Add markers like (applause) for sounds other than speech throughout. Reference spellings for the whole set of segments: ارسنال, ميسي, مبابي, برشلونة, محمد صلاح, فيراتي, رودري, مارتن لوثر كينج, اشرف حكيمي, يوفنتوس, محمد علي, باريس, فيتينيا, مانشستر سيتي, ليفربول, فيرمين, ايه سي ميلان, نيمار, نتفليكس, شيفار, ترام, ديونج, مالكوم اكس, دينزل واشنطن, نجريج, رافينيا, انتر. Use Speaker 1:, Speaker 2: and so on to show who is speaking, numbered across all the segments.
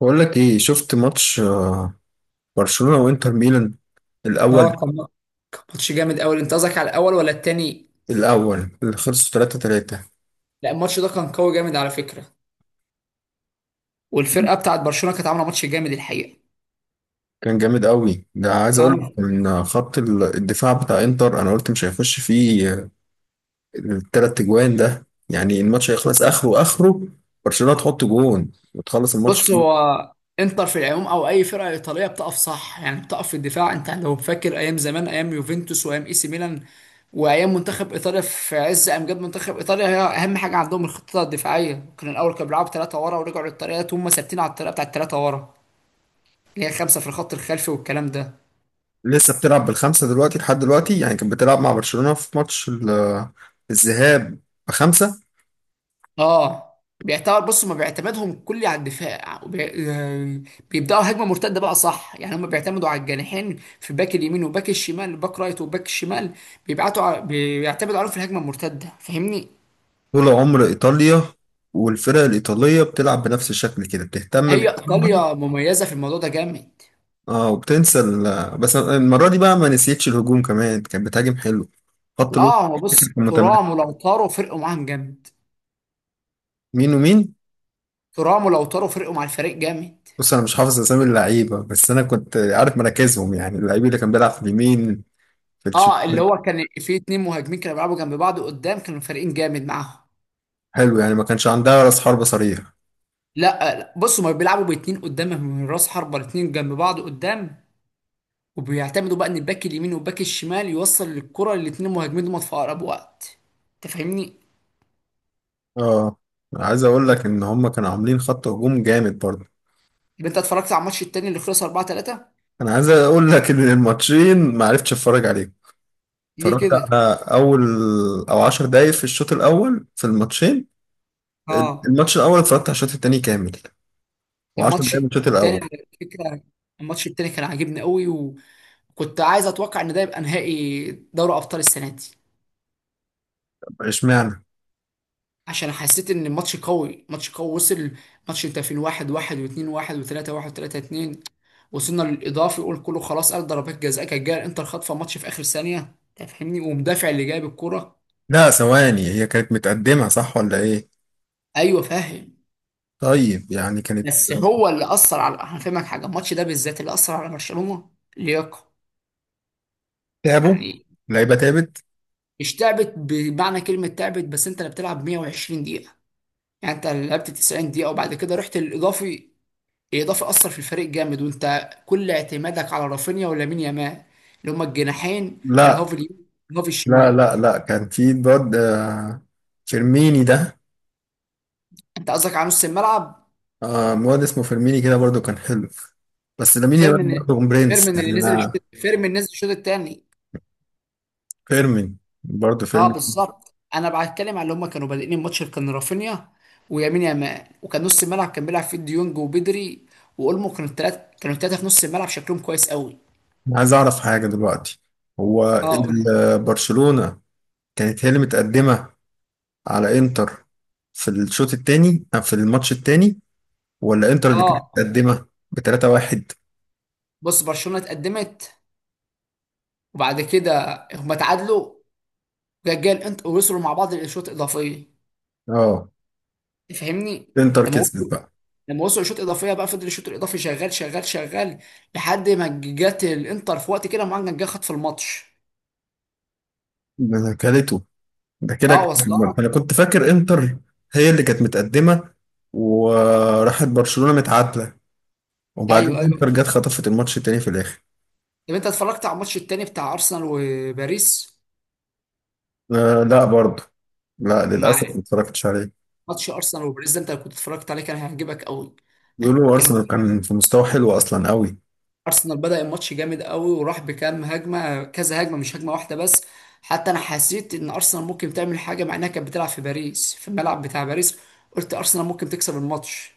Speaker 1: بقول لك ايه، شفت ماتش، برشلونة وانتر ميلان
Speaker 2: اه،
Speaker 1: الاول
Speaker 2: كان ماتش جامد قوي. انت قصدك على الاول ولا التاني؟
Speaker 1: الاول اللي خلص 3-3.
Speaker 2: لا الماتش ده كان قوي جامد على فكره، والفرقه بتاعت برشلونه كانت عامله ماتش جامد الحقيقه.
Speaker 1: كان جامد قوي، ده عايز اقول لك
Speaker 2: أنا-
Speaker 1: ان خط الدفاع بتاع انتر، انا قلت مش هيخش فيه التلات اجوان ده. يعني الماتش هيخلص اخره اخره، برشلونة تحط جون وتخلص الماتش.
Speaker 2: بص، هو انتر في العموم او اي فرقه ايطاليه بتقف صح، يعني بتقف في الدفاع. انت لو فاكر ايام زمان، ايام يوفنتوس وايام اي سي ميلان وايام منتخب ايطاليا في عز امجاد منتخب ايطاليا، هي اهم حاجه عندهم الخطه الدفاعيه. كان الاول كانوا بيلعبوا 3 ورا، ورجعوا للطريقه، هم ثابتين على الطريقه بتاعت الثلاثه ورا اللي هي 5 في الخط الخلفي والكلام ده.
Speaker 1: لسه بتلعب بالخمسة دلوقتي، لحد دلوقتي يعني، كانت بتلعب مع برشلونة في ماتش الذهاب بخمسة.
Speaker 2: اه، بيعتبر بص هما بيعتمدهم كلي على الدفاع، وبي... آه، بيبداوا هجمه مرتده بقى صح. يعني هما بيعتمدوا على الجناحين، في باك اليمين وباك الشمال، باك رايت وباك الشمال، بيعتمدوا عليهم في الهجمه المرتده. فاهمني؟
Speaker 1: طول عمر إيطاليا والفرق الإيطالية بتلعب بنفس الشكل كده، بتهتم
Speaker 2: هي
Speaker 1: بدفاعها.
Speaker 2: ايطاليا مميزه في الموضوع ده جامد.
Speaker 1: اه، وبتنسى بس المرة دي بقى ما نسيتش الهجوم كمان، كانت بتهاجم حلو. خط الوسط
Speaker 2: اه، هو بص
Speaker 1: كان
Speaker 2: ترام
Speaker 1: متمركز.
Speaker 2: ولوتارو فرقوا معاهم جامد.
Speaker 1: مين ومين؟
Speaker 2: ترام ولوتارو فرقوا مع الفريق جامد.
Speaker 1: بص، أنا مش حافظ أسامي اللعيبة بس أنا كنت عارف مراكزهم، يعني اللعيب اللي كان بيلعب في اليمين، في
Speaker 2: اه، اللي
Speaker 1: الشمال.
Speaker 2: هو كان في اتنين مهاجمين كانوا بيلعبوا جنب بعض قدام، كانوا فريقين جامد معاهم.
Speaker 1: حلو، يعني ما كانش عندها رأس حربة صريح.
Speaker 2: لا لا، بص هما بيلعبوا باتنين قدام، من راس حربة الاتنين جنب بعض قدام، وبيعتمدوا بقى ان الباك اليمين والباك الشمال يوصل الكرة للاتنين المهاجمين دول في اقرب وقت. انت فاهمني؟
Speaker 1: اه، عايز أقول لك إن هما كانوا عاملين خط هجوم جامد برضه.
Speaker 2: يبقى انت اتفرجت على الماتش التاني اللي خلص 4-3؟
Speaker 1: أنا عايز أقول لك إن الماتشين ما عرفتش أتفرج عليهم،
Speaker 2: ليه
Speaker 1: اتفرجت
Speaker 2: كده؟
Speaker 1: على اول او 10 دقايق في الشوط الاول في الماتشين.
Speaker 2: اه،
Speaker 1: الماتش الاول اتفرجت على الشوط التاني كامل، وعشر
Speaker 2: الماتش
Speaker 1: دقايق من الشوط
Speaker 2: التاني
Speaker 1: الاول.
Speaker 2: على فكرة، الماتش التاني كان عاجبني قوي، وكنت عايز اتوقع ان ده يبقى نهائي دوري ابطال السنة دي.
Speaker 1: طب اشمعنى؟
Speaker 2: عشان حسيت ان الماتش قوي، ماتش قوي وصل. ماتش انت في 1-1، واتنين واحد، وتلاتة واحد، وتلاتة اتنين، وصلنا للاضافي، يقول كله خلاص، قال ضربات جزاء، كانت جايه الانتر خاطفه ماتش في اخر ثانيه، تفهمني، ومدافع اللي جايب الكرة.
Speaker 1: لا، ثواني، هي كانت متقدمة صح ولا ايه؟
Speaker 2: ايوه فاهم.
Speaker 1: طيب، يعني كانت
Speaker 2: بس هو اللي اثر على، هفهمك حاجه، الماتش ده بالذات اللي اثر على برشلونه لياقه،
Speaker 1: تعبوا؟
Speaker 2: يعني.
Speaker 1: لعيبة تعبت؟
Speaker 2: مش تعبت بمعنى كلمه تعبت، بس انت اللي بتلعب 120 دقيقه، يعني انت لعبت 90 دقيقه وبعد كده رحت للاضافي. اضافه اثر في الفريق جامد، وانت كل اعتمادك على رافينيا ولامين يامال اللي هما الجناحين، الهاف
Speaker 1: لا
Speaker 2: اليمين الهاف
Speaker 1: لا
Speaker 2: الشمال.
Speaker 1: لا، لا كان في الواد، فيرميني ده.
Speaker 2: انت قصدك على نص الملعب؟
Speaker 1: واد اسمه فيرميني كده برضو كان حلو، بس لامين يامال
Speaker 2: فيرمين.
Speaker 1: برضو برنس
Speaker 2: فيرمين
Speaker 1: يعني،
Speaker 2: اللي نزل الشوط،
Speaker 1: انا.
Speaker 2: فيرمين نزل الشوط الثاني.
Speaker 1: فيرمين، برضو
Speaker 2: اه
Speaker 1: فيرمين.
Speaker 2: بالظبط، انا بتكلم على اللي هما كانوا بادئين الماتش، كان رافينيا ويمين يامال، وكان نص الملعب كان بيلعب فيه ديونج وبدري واولمو. كانوا الثلاثه في نص الملعب شكلهم كويس قوي.
Speaker 1: أنا عايز أعرف حاجة دلوقتي، هو
Speaker 2: اه قول لي.
Speaker 1: برشلونة كانت هي اللي متقدمة على إنتر في الشوط التاني أو في الماتش التاني، ولا إنتر اللي كانت
Speaker 2: اه،
Speaker 1: متقدمة بـ3-1؟
Speaker 2: بص برشلونه اتقدمت وبعد كده هما تعادلوا، رجال انت وصلوا مع بعض للشوط الاضافي.
Speaker 1: آه.
Speaker 2: تفهمني؟
Speaker 1: إنتر
Speaker 2: لما
Speaker 1: كسبت
Speaker 2: وصلوا
Speaker 1: بقى؟
Speaker 2: لما وصلوا الشوط الاضافي بقى، فضل الشوط الاضافي شغال شغال شغال لحد ما جت الانتر في وقت كده، معاك جه خد في الماتش.
Speaker 1: ده أنا كلته، ده كده
Speaker 2: اه
Speaker 1: كان-
Speaker 2: وصلت.
Speaker 1: أنا كنت فاكر إنتر هي اللي كانت متقدمة، وراحت برشلونة متعادلة، وبعدين
Speaker 2: ايوه
Speaker 1: إنتر
Speaker 2: ايوه.
Speaker 1: جت خطفت الماتش التاني في الآخر.
Speaker 2: طب انت اتفرجت على الماتش التاني بتاع ارسنال وباريس؟
Speaker 1: آه لا، برضه لا، للأسف
Speaker 2: مع،
Speaker 1: ما اتفرجتش عليه.
Speaker 2: ماتش ارسنال وباريس ده انت كنت اتفرجت عليه كان هيعجبك قوي.
Speaker 1: بيقولوا
Speaker 2: كان،
Speaker 1: أرسنال كان في مستوى حلو أصلا، قوي.
Speaker 2: ارسنال بدأ الماتش جامد قوي، وراح بكام هجمه، كذا هجمه مش هجمه واحده بس. حتى انا حسيت ان ارسنال ممكن تعمل حاجه، مع انها كانت بتلعب في باريس في الملعب بتاع باريس. قلت ارسنال ممكن تكسب الماتش،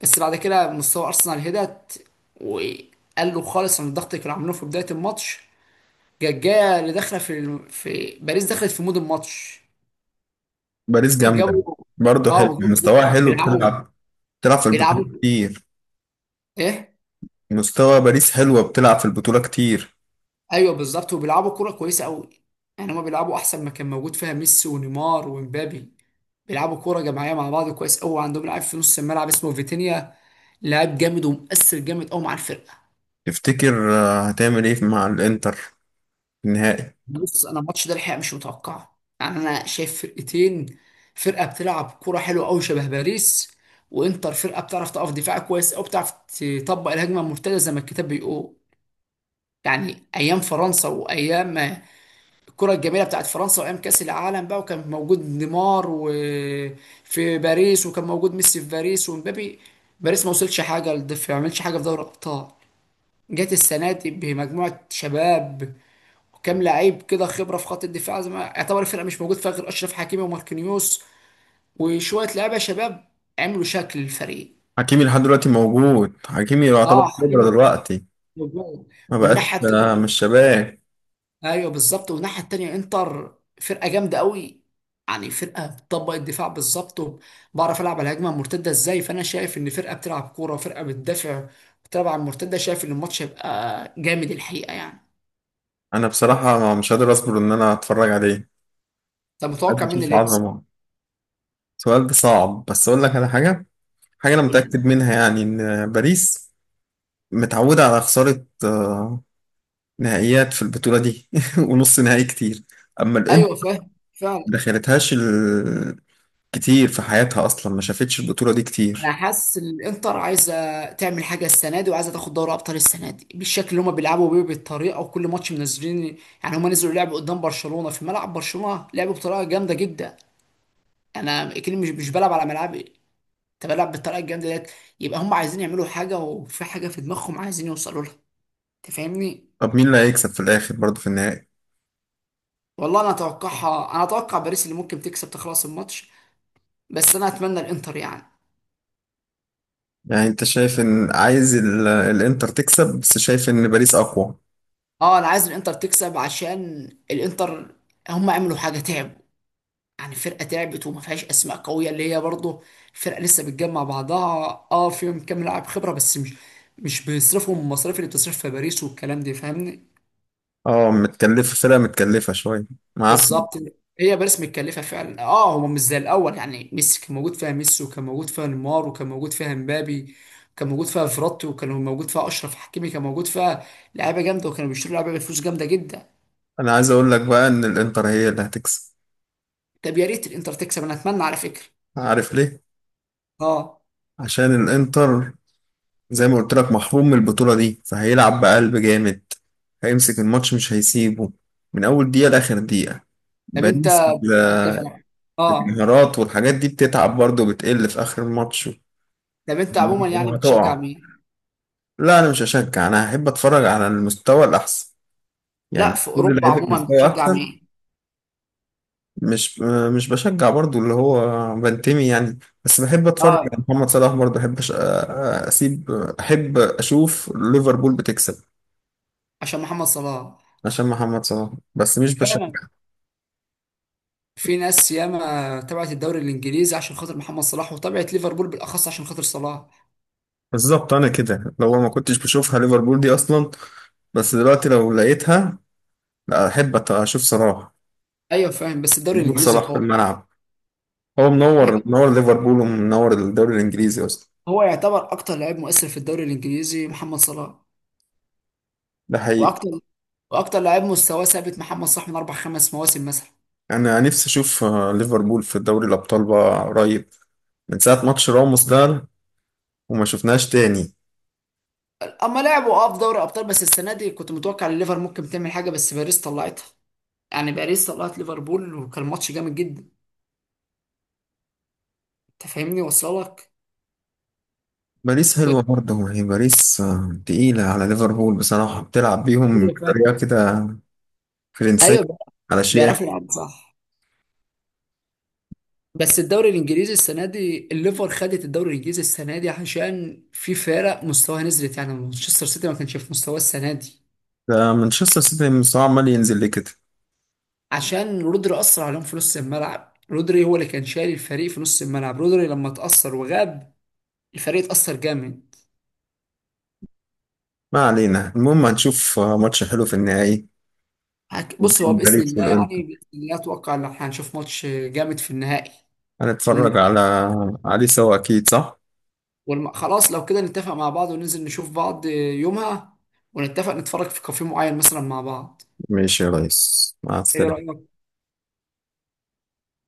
Speaker 2: بس بعد كده مستوى ارسنال هدت، وقالوا خالص عن الضغط اللي كانوا عاملينه في بدايه الماتش. جايه اللي داخله في باريس، دخلت في مود الماتش
Speaker 1: باريس جامدة،
Speaker 2: وجابوا.
Speaker 1: برضه
Speaker 2: اه
Speaker 1: حلو
Speaker 2: وجابوا،
Speaker 1: مستواها، حلو
Speaker 2: بيلعبوا،
Speaker 1: بتلعب. بتلعب في
Speaker 2: بيلعبوا،
Speaker 1: البطولة كتير.
Speaker 2: ايه.
Speaker 1: مستوى باريس حلوة، بتلعب في البطولة كتير.
Speaker 2: ايوه بالظبط، وبيلعبوا كوره كويسه قوي. يعني هما بيلعبوا احسن ما كان موجود فيها ميسي ونيمار ومبابي. بيلعبوا كوره جماعيه مع بعض كويس قوي. عندهم لاعب في نص الملعب اسمه فيتينيا، لاعب جامد ومؤثر جامد قوي مع الفرقه.
Speaker 1: تفتكر هتعمل ايه مع الانتر في النهائي؟
Speaker 2: بص انا الماتش ده الحقيقه مش متوقعه، يعني انا شايف فرقتين، فرقه بتلعب كوره حلوه قوي شبه باريس، وانتر فرقه بتعرف تقف دفاع كويس قوي، بتعرف تطبق الهجمه المرتده زي ما الكتاب بيقول. يعني ايام فرنسا وايام الكرة الجميلة بتاعت فرنسا، وأيام كأس العالم بقى، وكان موجود نيمار وفي باريس وكان موجود ميسي في باريس ومبابي، باريس ما عملش حاجة في دوري الأبطال. جت السنة دي بمجموعة شباب، وكام لعيب كده خبرة في خط الدفاع، زي ما يعتبر الفرقة مش موجود فيها غير أشرف حكيمي وماركينيوس وشوية لعيبة شباب، عملوا شكل الفريق.
Speaker 1: حكيمي لحد دلوقتي موجود، حكيمي
Speaker 2: اه،
Speaker 1: يعتبر خبرة
Speaker 2: حكيمي
Speaker 1: دلوقتي،
Speaker 2: موجود.
Speaker 1: ما بقاش
Speaker 2: والناحية التانية،
Speaker 1: مش شباب.
Speaker 2: ايوه بالظبط، والناحيه التانيه انتر فرقه جامده قوي، يعني فرقه بتطبق الدفاع بالظبط، وبعرف العب على الهجمه المرتده ازاي. فانا شايف ان فرقه بتلعب كوره وفرقه بتدافع بتلعب على المرتده، شايف ان الماتش هيبقى جامد الحقيقه يعني.
Speaker 1: انا بصراحة مش قادر اصبر ان انا اتفرج عليه،
Speaker 2: طب
Speaker 1: قادر
Speaker 2: متوقع مين
Speaker 1: اشوف
Speaker 2: اللي يكسب؟
Speaker 1: عظمة. سؤال ده صعب، بس اقول لك على حاجة. حاجة انا
Speaker 2: قول لي.
Speaker 1: متأكد منها، يعني ان باريس متعودة على خسارة نهائيات في البطولة دي (laughs) ونص نهائي كتير. أما الإنتر
Speaker 2: ايوه فاهم فعلا.
Speaker 1: ما دخلتهاش كتير في حياتها، أصلا ما شافتش البطولة دي
Speaker 2: انا
Speaker 1: كتير.
Speaker 2: حاسس ان الانتر عايزه تعمل حاجه السنه دي، وعايزه تاخد دوري ابطال السنه دي، بالشكل اللي هم بيلعبوا بيه بالطريقه، وكل ماتش منزلين. يعني هم نزلوا لعبوا قدام برشلونه في ملعب برشلونه، لعبوا بطريقه جامده جدا. انا اكيد مش بلعب على ملعبي، انت بلعب بالطريقه الجامده ديت. يبقى هم عايزين يعملوا حاجه، وفي حاجه في دماغهم عايزين يوصلوا لها. انت فاهمني؟
Speaker 1: طب مين اللي هيكسب في الآخر برضه في النهائي؟
Speaker 2: والله انا اتوقعها، انا اتوقع باريس اللي ممكن تكسب تخلص الماتش، بس انا اتمنى الانتر يعني.
Speaker 1: يعني أنت شايف إن عايز الإنتر تكسب، بس شايف إن باريس أقوى؟
Speaker 2: اه انا عايز الانتر تكسب، عشان الانتر هم عملوا حاجه، تعبوا. يعني فرقه تعبت، وما فيهاش اسماء قويه، اللي هي برضه فرقه لسه بتجمع بعضها. اه فيهم كام لاعب خبره بس، مش بيصرفوا المصاريف اللي بتصرف في باريس والكلام ده، فاهمني.
Speaker 1: أه متكلفة، فرقة متكلفة شوية، معاه
Speaker 2: بالظبط.
Speaker 1: فلوس.
Speaker 2: هي باريس متكلفه فعلا، اه هو مش زي الاول يعني. ميسي كان موجود فيها، ميسي وكان موجود فيها نيمار، وكان موجود فيها مبابي، وكان موجود فيها فيراتي، وكان موجود فيها اشرف حكيمي كان موجود فيها. لعيبه جامده، وكانوا بيشتروا لعيبه بفلوس جامده جدا.
Speaker 1: أنا عايز أقول لك بقى إن الإنتر هي اللي هتكسب.
Speaker 2: طب يا ريت الانتر تكسب، انا اتمنى على فكره.
Speaker 1: عارف ليه؟
Speaker 2: اه.
Speaker 1: عشان الإنتر زي ما قلت لك محروم من البطولة دي، فهيلعب بقلب جامد، هيمسك الماتش مش هيسيبه من أول دقيقة لآخر دقيقة.
Speaker 2: طب انت
Speaker 1: باريس.
Speaker 2: انت فاهم. اه.
Speaker 1: الانهيارات والحاجات دي بتتعب برضه، وبتقل في آخر الماتش،
Speaker 2: طب انت عموما يعني بتشجع
Speaker 1: وهتقع.
Speaker 2: مين؟
Speaker 1: لا، أنا مش هشجع، أنا هحب أتفرج على المستوى الأحسن، يعني
Speaker 2: لا في
Speaker 1: كل
Speaker 2: اوروبا
Speaker 1: لعيب
Speaker 2: عموما
Speaker 1: المستوى
Speaker 2: بتشجع
Speaker 1: أحسن.
Speaker 2: مين؟
Speaker 1: مش مش بشجع برضه، اللي هو بنتمي يعني، بس بحب أتفرج على
Speaker 2: اه،
Speaker 1: محمد صلاح برضه، أحب أسيب، أحب أشوف ليفربول بتكسب
Speaker 2: عشان محمد صلاح.
Speaker 1: عشان محمد صلاح، بس مش
Speaker 2: فعلا،
Speaker 1: بشجع.
Speaker 2: في ناس ياما تبعت الدوري الانجليزي عشان خاطر محمد صلاح، وتبعت ليفربول بالاخص عشان خاطر صلاح.
Speaker 1: بالظبط، انا كده لو ما كنتش بشوفها ليفربول دي اصلا، بس دلوقتي لو لقيتها، لا احب اشوف صلاح.
Speaker 2: ايوه فاهم، بس الدوري
Speaker 1: وجود
Speaker 2: الانجليزي
Speaker 1: صلاح في
Speaker 2: قوي.
Speaker 1: الملعب، هو منور منور ليفربول، ومنور الدوري الانجليزي اصلا.
Speaker 2: هو يعتبر اكتر لاعب مؤثر في الدوري الانجليزي محمد صلاح،
Speaker 1: ده حقيقي.
Speaker 2: واكتر، واكتر لاعب مستواه ثابت محمد صلاح من 4 5 مواسم مثلا.
Speaker 1: انا نفسي اشوف ليفربول في دوري الابطال بقى قريب، من ساعه ماتش راموس ده، وما شفناش تاني.
Speaker 2: اما لعبوا اه في دوري ابطال، بس السنه دي كنت متوقع ان الليفر ممكن تعمل حاجه، بس باريس طلعتها. يعني باريس طلعت ليفربول، وكان ماتش جامد جدا. انت فاهمني؟ وصلك؟
Speaker 1: باريس
Speaker 2: و...
Speaker 1: حلوه برضه، هي باريس تقيله على ليفربول بصراحه، بتلعب بيهم
Speaker 2: ايوه فاهم.
Speaker 1: بطريقه كده فرنسيه،
Speaker 2: ايوه،
Speaker 1: على شياكه.
Speaker 2: بيعرفوا يلعبوا صح. بس الدوري الانجليزي السنه دي الليفر خدت الدوري الانجليزي السنه دي عشان في فرق مستواها نزلت، يعني مانشستر سيتي ما كانش في مستواه السنه دي.
Speaker 1: ده مانشستر سيتي مستواه عمال ينزل ليه كده؟
Speaker 2: عشان رودري اثر عليهم في نص الملعب، رودري هو اللي كان شايل الفريق في نص الملعب، رودري لما اتاثر وغاب الفريق اتاثر جامد.
Speaker 1: ما علينا، المهم هنشوف ماتش حلو في النهائي
Speaker 2: بص هو
Speaker 1: بين
Speaker 2: باذن
Speaker 1: باريس
Speaker 2: الله،
Speaker 1: والانتر،
Speaker 2: يعني باذن الله، اتوقع ان احنا هنشوف ماتش جامد في النهائي. ومن-
Speaker 1: هنتفرج عليه سوا، اكيد صح.
Speaker 2: خلاص، لو كده نتفق مع بعض وننزل نشوف بعض يومها، ونتفق نتفرج في كافيه معين مثلا مع بعض.
Speaker 1: ماشي يا ريس، مع
Speaker 2: ايه
Speaker 1: السلامة.
Speaker 2: رايك؟